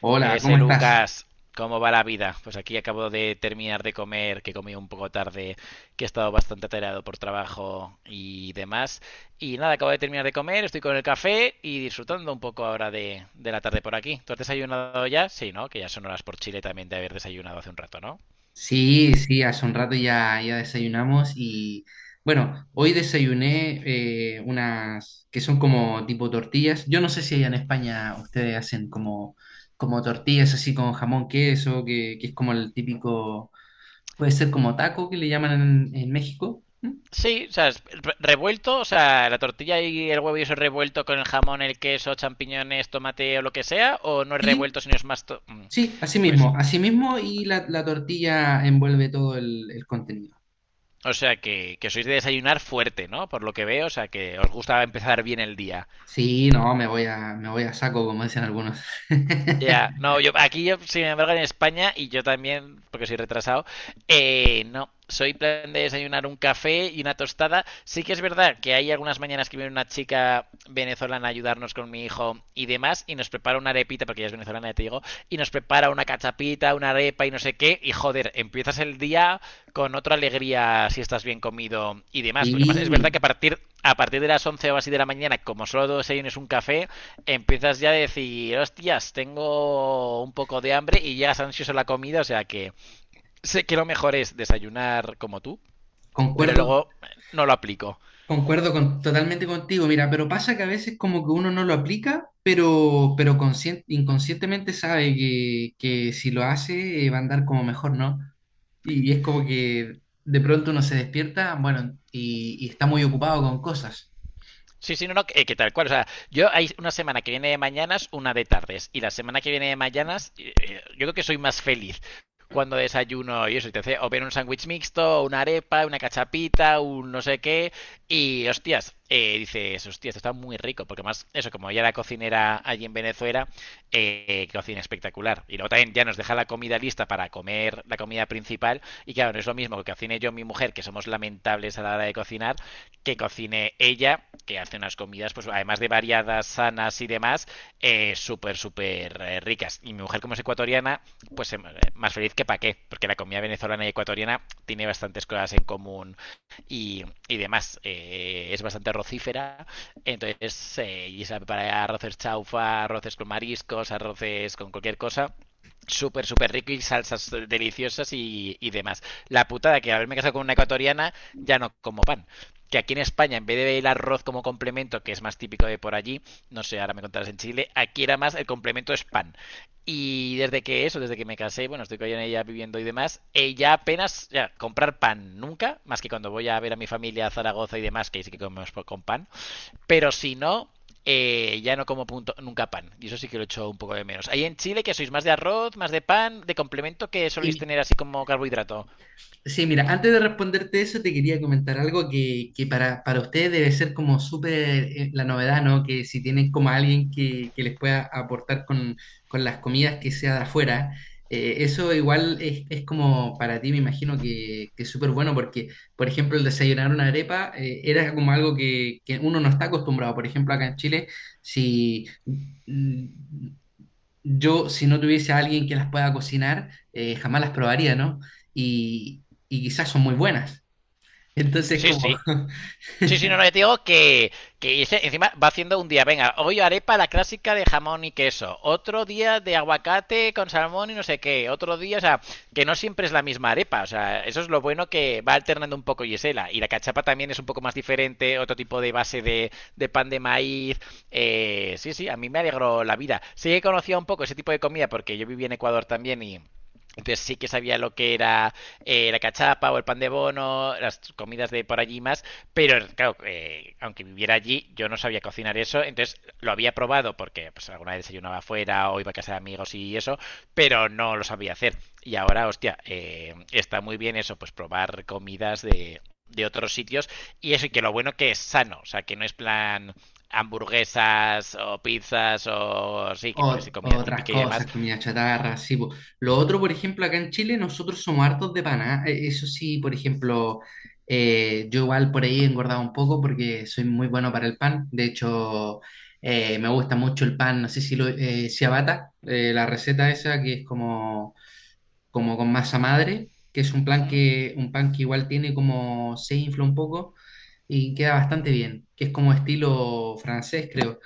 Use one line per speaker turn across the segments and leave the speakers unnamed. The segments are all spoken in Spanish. Hola, ¿cómo
Ese
estás?
Lucas, ¿cómo va la vida? Pues aquí acabo de terminar de comer, que comí un poco tarde, que he estado bastante atareado por trabajo y demás. Y nada, acabo de terminar de comer, estoy con el café y disfrutando un poco ahora de la tarde por aquí. ¿Tú has desayunado ya? Sí, ¿no? Que ya son horas por Chile también de haber desayunado hace un rato, ¿no?
Sí, sí, hace un rato ya, ya desayunamos y bueno, hoy desayuné unas que son como tipo tortillas. Yo no sé si allá en España ustedes hacen como, como tortillas así con jamón, queso, que es como el típico, puede ser como taco que le llaman en México. ¿Mm?
Sí, o sea, es revuelto, o sea, la tortilla y el huevo y eso es revuelto con el jamón, el queso, champiñones, tomate o lo que sea, o no es
Sí,
revuelto, sino es más... to- Mm.
sí,
Pues
así mismo y la tortilla envuelve todo el contenido.
o sea que sois de desayunar fuerte, ¿no? Por lo que veo, o sea que os gusta empezar bien el día.
Sí, no, me voy a saco, como dicen algunos.
Ya, no, yo aquí yo, sin embargo, en España, y yo también, porque soy retrasado, no, soy plan de desayunar un café y una tostada. Sí que es verdad que hay algunas mañanas que viene una chica venezolana a ayudarnos con mi hijo y demás, y nos prepara una arepita, porque ella es venezolana, ya te digo, y nos prepara una cachapita, una arepa y no sé qué, y joder, empiezas el día con otra alegría si estás bien comido y demás, porque además es verdad que
Sí.
a partir de las 11 o así de la mañana, como solo desayunes un café, empiezas ya a decir, hostias, tengo un poco de hambre y llegas ansioso a la comida, o sea que sé que lo mejor es desayunar como tú, pero
Concuerdo,
luego no lo aplico.
totalmente contigo, mira, pero pasa que a veces como que uno no lo aplica, pero inconscientemente sabe que si lo hace va a andar como mejor, ¿no? Y es como que de pronto uno se despierta, bueno, y está muy ocupado con cosas.
Sí, sí, no, no, que tal cual. O sea, yo hay una semana que viene de mañanas, una de tardes. Y la semana que viene de mañanas, yo creo que soy más feliz cuando desayuno y eso. Y te hace o bien un sándwich mixto, o una arepa, una cachapita, un no sé qué. Y hostias, dices, hostias, esto está muy rico. Porque más, eso, como ella era cocinera allí en Venezuela, cocina espectacular. Y luego también ya nos deja la comida lista para comer la comida principal. Y claro, no es lo mismo que cocine yo y mi mujer, que somos lamentables a la hora de cocinar, que cocine ella, que hace unas comidas, pues además de variadas, sanas y demás, súper, súper ricas. Y mi mujer, como es ecuatoriana, pues más feliz que pa' qué, porque la comida venezolana y ecuatoriana tiene bastantes cosas en común y demás. Es bastante arrocífera, entonces, y sabe preparar arroces chaufa, arroces con mariscos, arroces con cualquier cosa súper, súper rico y salsas deliciosas y demás. La putada que haberme casado con una ecuatoriana ya no como pan, que aquí en España, en vez de el arroz como complemento, que es más típico de por allí, no sé, ahora me contarás en Chile, aquí era más el complemento es pan. Y desde que eso, desde que me casé, bueno, estoy con ella viviendo y demás, ella apenas, ya, comprar pan nunca, más que cuando voy a ver a mi familia a Zaragoza y demás, que ahí sí que comemos con pan, pero si no, ya no como punto, nunca pan, y eso sí que lo echo un poco de menos. Ahí en Chile, que sois más de arroz, más de pan, de complemento que soléis tener así como carbohidrato.
Sí, mira, antes de responderte eso, te quería comentar algo que para ustedes debe ser como súper la novedad, ¿no? Que si tienen como alguien que les pueda aportar con las comidas que sea de afuera, eso igual es como para ti, me imagino que es súper bueno porque, por ejemplo, el desayunar una arepa era como algo que uno no está acostumbrado. Por ejemplo, acá en Chile, si yo, si no tuviese a alguien que las pueda cocinar, jamás las probaría, ¿no? Y quizás son muy buenas. Entonces,
Sí,
como
sí. Sí, sí, no, no, yo te digo que ese encima va haciendo un día, venga, hoy arepa la clásica de jamón y queso, otro día de aguacate con salmón y no sé qué, otro día, o sea, que no siempre es la misma arepa, o sea, eso es lo bueno que va alternando un poco Gisela, y la cachapa también es un poco más diferente, otro tipo de de pan de maíz, sí, sí, a mí me alegró la vida. Sí que conocía un poco ese tipo de comida porque yo viví en Ecuador también y... Entonces sí que sabía lo que era la cachapa o el pan de bono, las comidas de por allí más, pero claro, aunque viviera allí, yo no sabía cocinar eso, entonces lo había probado porque pues, alguna vez desayunaba afuera o iba a casa de amigos y eso, pero no lo sabía hacer. Y ahora, hostia, está muy bien eso, pues probar comidas de otros sitios y eso, y que lo bueno que es sano, o sea, que no es plan hamburguesas o pizzas o sí, que puede ser comida
otras
típica y demás.
cosas, comida chatarra, sí. Po. Lo otro, por ejemplo, acá en Chile, nosotros somos hartos de paná. Eso sí, por ejemplo, yo igual por ahí he engordado un poco porque soy muy bueno para el pan. De hecho, me gusta mucho el pan, no sé si lo, ciabatta, la receta esa que es como como con masa madre, que es un plan
Mm.
que, un pan que igual tiene como se infla un poco y queda bastante bien, que es como estilo francés, creo.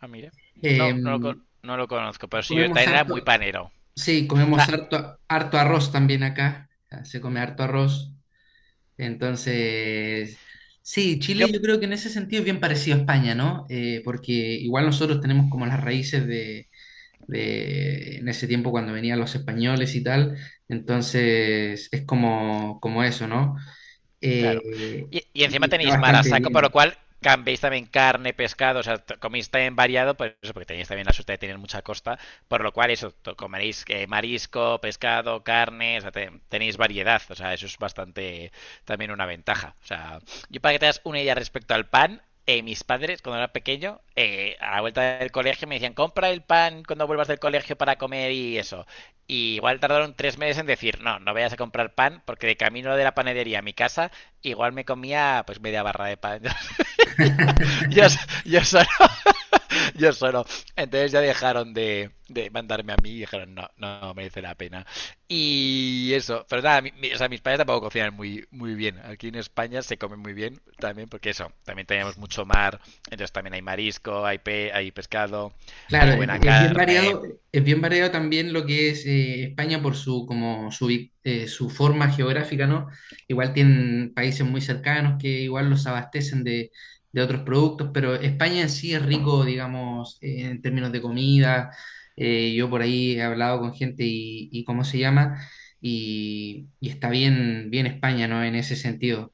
Ah, mira.
Eh,
No, no lo conozco, pero sí, yo
comemos
también era
harto,
muy panero.
sí,
O
comemos
sea,
harto, harto arroz también acá. Ah, se come harto arroz, entonces... Sí,
yo.
Chile yo creo que en ese sentido es bien parecido a España, ¿no? Porque igual nosotros tenemos como las raíces de en ese tiempo cuando venían los españoles y tal. Entonces es como, como eso, ¿no?
Claro.
Eh,
Y encima
y está
tenéis mar a
bastante
saco, por lo
bien.
cual cambiéis también carne, pescado, o sea, coméis también variado, por eso, porque tenéis también la suerte de tener mucha costa, por lo cual eso, comeréis marisco, pescado, carne, o sea, tenéis variedad, o sea, eso es bastante también una ventaja. O sea, yo para que te das una idea respecto al pan, mis padres, cuando era pequeño, a la vuelta del colegio me decían, compra el pan cuando vuelvas del colegio para comer y eso. Y igual tardaron tres meses en decir, no, no vayas a comprar pan, porque de camino de la panadería a mi casa igual me comía pues media barra de pan. Yo, so, yo, solo, yo solo. Entonces ya dejaron de mandarme a mí y dijeron, no, no, no merece la pena. Y eso, pero nada, o sea, mis padres tampoco cocinan muy, muy bien. Aquí en España se come muy bien también, porque eso, también tenemos mucho mar, entonces también hay marisco, hay, pe hay pescado, hay
Claro,
buena carne.
es bien variado también lo que es España por su como su, su forma geográfica, ¿no? Igual tienen países muy cercanos que igual los abastecen de otros productos, pero España en sí es rico, digamos, en términos de comida. Yo por ahí he hablado con gente y cómo se llama, y está bien, bien España, ¿no? En ese sentido,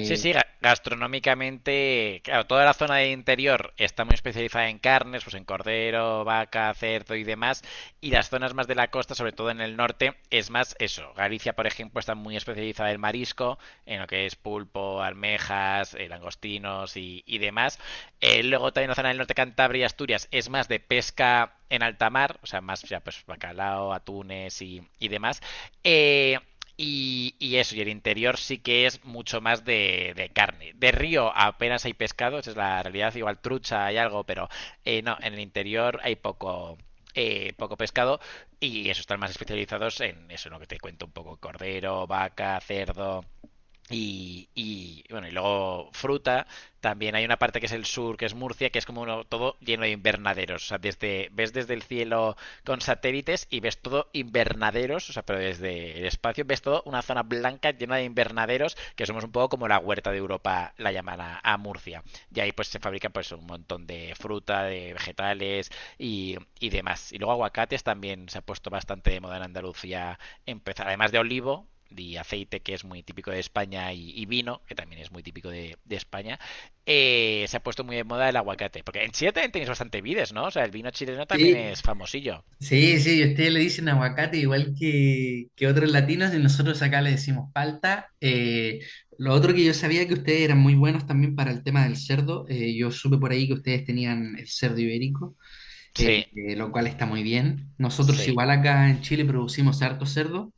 Sí, sí, gastronómicamente, claro, toda la zona de interior está muy especializada en carnes, pues en cordero, vaca, cerdo y demás, y las zonas más de la costa, sobre todo en el norte, es más eso. Galicia, por ejemplo, está muy especializada en marisco, en lo que es pulpo, almejas, langostinos y demás. Luego también la zona del norte, Cantabria y Asturias, es más de pesca en alta mar, o sea, más ya pues bacalao, atunes y demás. Eh, eso, y el interior sí que es mucho más de carne. De río apenas hay pescado, esa es la realidad, igual trucha hay algo, pero no, en el interior hay poco, poco pescado y eso están más especializados en eso, en lo que te cuento un poco, cordero, vaca, cerdo, bueno, y luego fruta. También hay una parte que es el sur, que es Murcia, que es como todo lleno de invernaderos. O sea, ves desde el cielo con satélites y ves todo invernaderos, o sea, pero desde el espacio ves todo una zona blanca llena de invernaderos, que somos un poco como la huerta de Europa, la llaman a Murcia. Y ahí pues se fabrican pues un montón de fruta, de vegetales y demás. Y luego aguacates también se ha puesto bastante de moda en Andalucía empezar, además de olivo y aceite, que es muy típico de España, y vino, que también es muy típico de España, se ha puesto muy de moda el aguacate. Porque en Chile también tenéis bastante vides, ¿no? O sea, el vino chileno también
sí.
es famosillo.
Sí, sí, y ustedes le dicen aguacate igual que otros latinos y nosotros acá le decimos palta. Lo otro que yo sabía que ustedes eran muy buenos también para el tema del cerdo. Yo supe por ahí que ustedes tenían el cerdo ibérico,
Sí.
lo cual está muy bien. Nosotros
Sí.
igual acá en Chile producimos harto cerdo.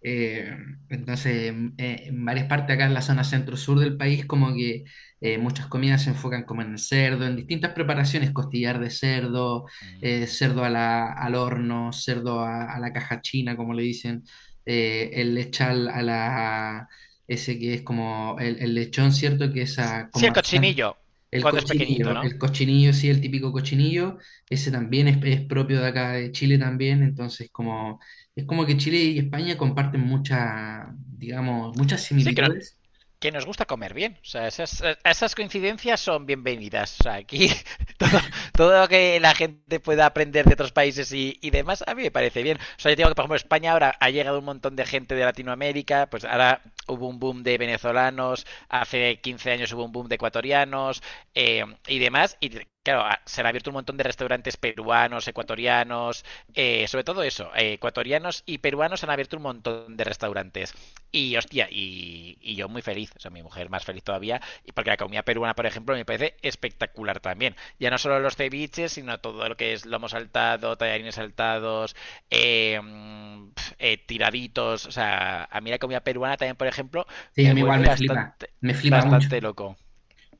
Eh, entonces, en varias partes acá en la zona centro-sur del país, como que muchas comidas se enfocan como en el cerdo, en distintas preparaciones, costillar de cerdo, al horno, a la caja china, como le dicen, el lechal a la, ese que es como el lechón, ¿cierto? Que es con
Sí, el
manzana.
cochinillo, cuando es pequeñito, ¿no?
El cochinillo, sí, el típico cochinillo, ese también es propio de acá de Chile también, entonces como es como que Chile y España comparten muchas, digamos, muchas
Sí, que no,
similitudes.
que nos gusta comer bien. O sea, esas coincidencias son bienvenidas. O sea, aquí todo, todo lo que la gente pueda aprender de otros países y demás, a mí me parece bien. O sea, yo digo que, por ejemplo, España ahora ha llegado un montón de gente de Latinoamérica, pues ahora hubo un boom de venezolanos, hace 15 años hubo un boom de ecuatorianos y demás, y claro, se han abierto un montón de restaurantes peruanos, ecuatorianos, sobre todo eso, ecuatorianos y peruanos han abierto un montón de restaurantes. Y hostia, y yo muy feliz, o sea, mi mujer más feliz todavía, y porque la comida peruana, por ejemplo, me parece espectacular también. Ya no solo los ceviches, sino todo lo que es lomo saltado, tallarines saltados, tiraditos, o sea, a mí la comida peruana también, por ejemplo,
Sí, a
me
mí igual
vuelve bastante,
me flipa mucho.
bastante loco.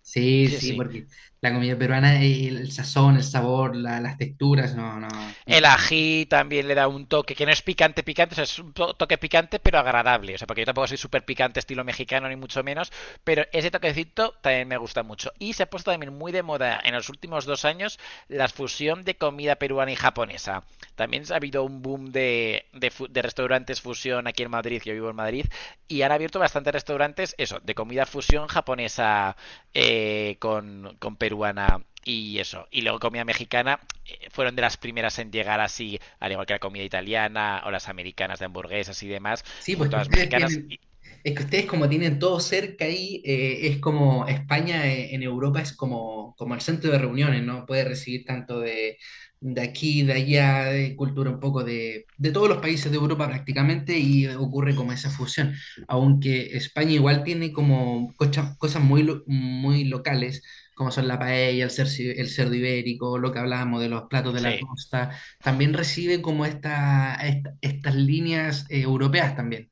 Sí,
Sí,
sí,
sí.
porque la comida peruana, el sazón, el sabor, las texturas, no, no.
El ají también le da un toque que no es picante, picante, o sea, es un toque picante pero agradable. O sea, porque yo tampoco soy súper picante estilo mexicano ni mucho menos, pero ese toquecito también me gusta mucho. Y se ha puesto también muy de moda en los últimos dos años la fusión de comida peruana y japonesa. También ha habido un boom de restaurantes fusión aquí en Madrid, yo vivo en Madrid, y han abierto bastantes restaurantes, eso, de comida fusión japonesa con peruana y eso. Y luego comida mexicana fueron de las primeras en llegar así, al igual que la comida italiana o las americanas de hamburguesas y demás,
Sí, pues
junto
que
a las
ustedes
mexicanas,
tienen, es que ustedes como tienen todo cerca ahí, es como España en Europa es como, como el centro de reuniones, ¿no? Puede recibir tanto de aquí, de allá, de cultura un poco de todos los países de Europa prácticamente y ocurre como esa fusión. Aunque España igual tiene como cosas muy, muy locales, como son la paella, el cerdo ibérico, lo que hablábamos de los platos de la
se
costa también recibe como esta, estas líneas europeas también.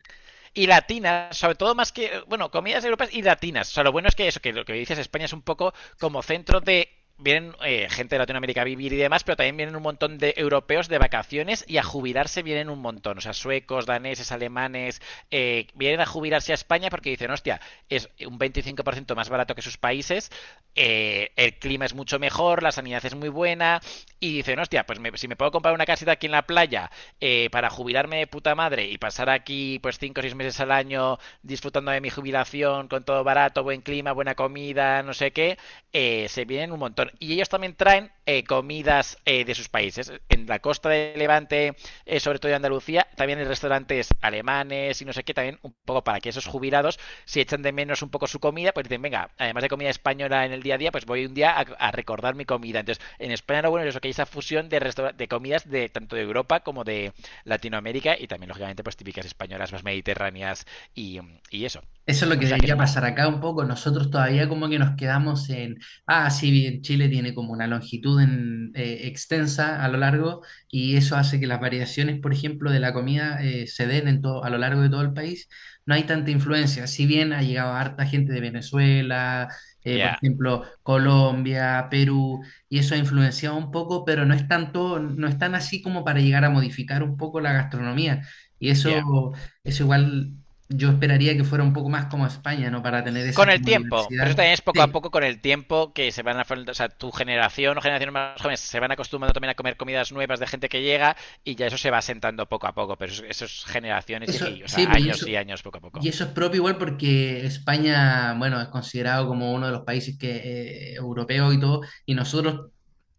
y latinas, sobre todo más que, bueno, comidas europeas y latinas. O sea, lo bueno es que eso, que lo que dices, España es un poco como centro de vienen gente de Latinoamérica a vivir y demás, pero también vienen un montón de europeos de vacaciones y a jubilarse vienen un montón. O sea, suecos, daneses, alemanes, vienen a jubilarse a España porque dicen, hostia, es un 25% más barato que sus países, el clima es mucho mejor, la sanidad es muy buena, y dicen, hostia, pues me, si me puedo comprar una casita aquí en la playa para jubilarme de puta madre y pasar aquí pues 5 o 6 meses al año disfrutando de mi jubilación con todo barato, buen clima, buena comida, no sé qué, se vienen un montón. Y ellos también traen comidas de sus países. En la costa de Levante, sobre todo de Andalucía, también hay restaurantes alemanes y no sé qué, también un poco para que esos jubilados si echan de menos un poco su comida, pues dicen, venga, además de comida española en el día a día, pues voy un día a recordar mi comida. Entonces, en España lo bueno es eso, que hay esa fusión de, restaur de comidas de tanto de Europa como de Latinoamérica y también, lógicamente, pues típicas españolas más mediterráneas y, y eso.
Eso es lo
O
que
sea que es
debería
un gran
pasar
invento.
acá un poco. Nosotros todavía como que nos quedamos en, ah, sí, bien, Chile tiene como una longitud extensa a lo largo y eso hace que las variaciones, por ejemplo, de la comida se den en todo, a lo largo de todo el país. No hay tanta influencia, si bien ha llegado harta gente de Venezuela,
Ya,
por
yeah,
ejemplo, Colombia, Perú, y eso ha influenciado un poco, pero no es tanto, no es tan así como para llegar a modificar un poco la gastronomía. Y
ya. Yeah.
eso... Eso igual yo esperaría que fuera un poco más como España, ¿no? Para tener esa
Con el
como
tiempo, pero eso
diversidad.
también es poco a
Sí,
poco con el tiempo que se van a, o sea, tu generación o generaciones más jóvenes se van acostumbrando también a comer comidas nuevas de gente que llega y ya eso se va sentando poco a poco, pero eso es generaciones
eso,
y, o
sí,
sea,
pues
años y años poco a
y
poco.
eso es propio igual porque España, bueno, es considerado como uno de los países que, europeos y todo, y nosotros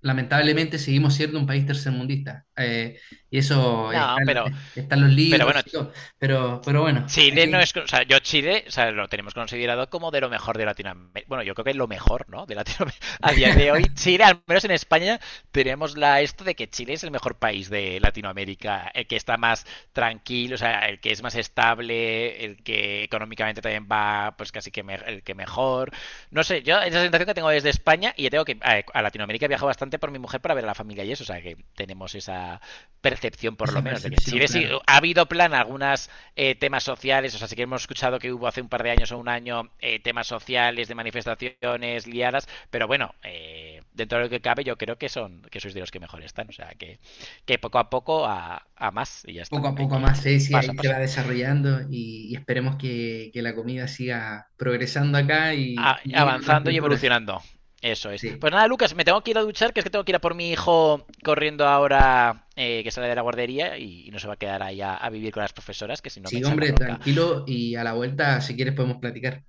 lamentablemente seguimos siendo un país tercermundista. Y eso está
No,
en, está en los
pero bueno,
libros y todo, pero bueno,
Chile no
ahí
es. O sea, yo Chile, o sea, lo tenemos considerado como de lo mejor de Latinoamérica. Bueno, yo creo que es lo mejor, ¿no? De Latinoamérica. A día de hoy, Chile, al menos en España, tenemos la esto de que Chile es el mejor país de Latinoamérica, el que está más tranquilo, o sea, el que es más estable, el que económicamente también va, pues casi que me- el que mejor. No sé, yo esa sensación que tengo desde España y ya tengo que a Latinoamérica viajo bastante por mi mujer para ver a la familia y eso, o sea, que tenemos esa percepción por lo
esa
menos de que
percepción,
Chile sí
claro.
ha habido plan algunas temas sociales, o sea, sí que hemos escuchado que hubo hace un par de años o un año temas sociales de manifestaciones liadas, pero bueno, dentro de lo que cabe yo creo que son que sois de los que mejor están, o sea, que poco a poco a más y ya está,
Poco a
hay
poco
que
más
ir
Ceci
paso a
ahí se
paso,
va desarrollando y esperemos que la comida siga progresando acá
a-
y lleguen otras
avanzando y
culturas.
evolucionando. Eso es.
Sí,
Pues nada, Lucas, me tengo que ir a duchar, que es que tengo que ir a por mi hijo corriendo ahora que sale de la guardería y no se va a quedar ahí a vivir con las profesoras, que si no me
sí,
echan la
hombre,
bronca.
tranquilo y a la vuelta, si quieres, podemos platicar.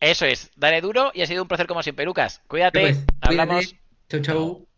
Eso es, dale duro y ha sido un placer como siempre, Lucas.
Ya pues,
Cuídate, hablamos,
cuídate, chau,
hasta luego.
chau.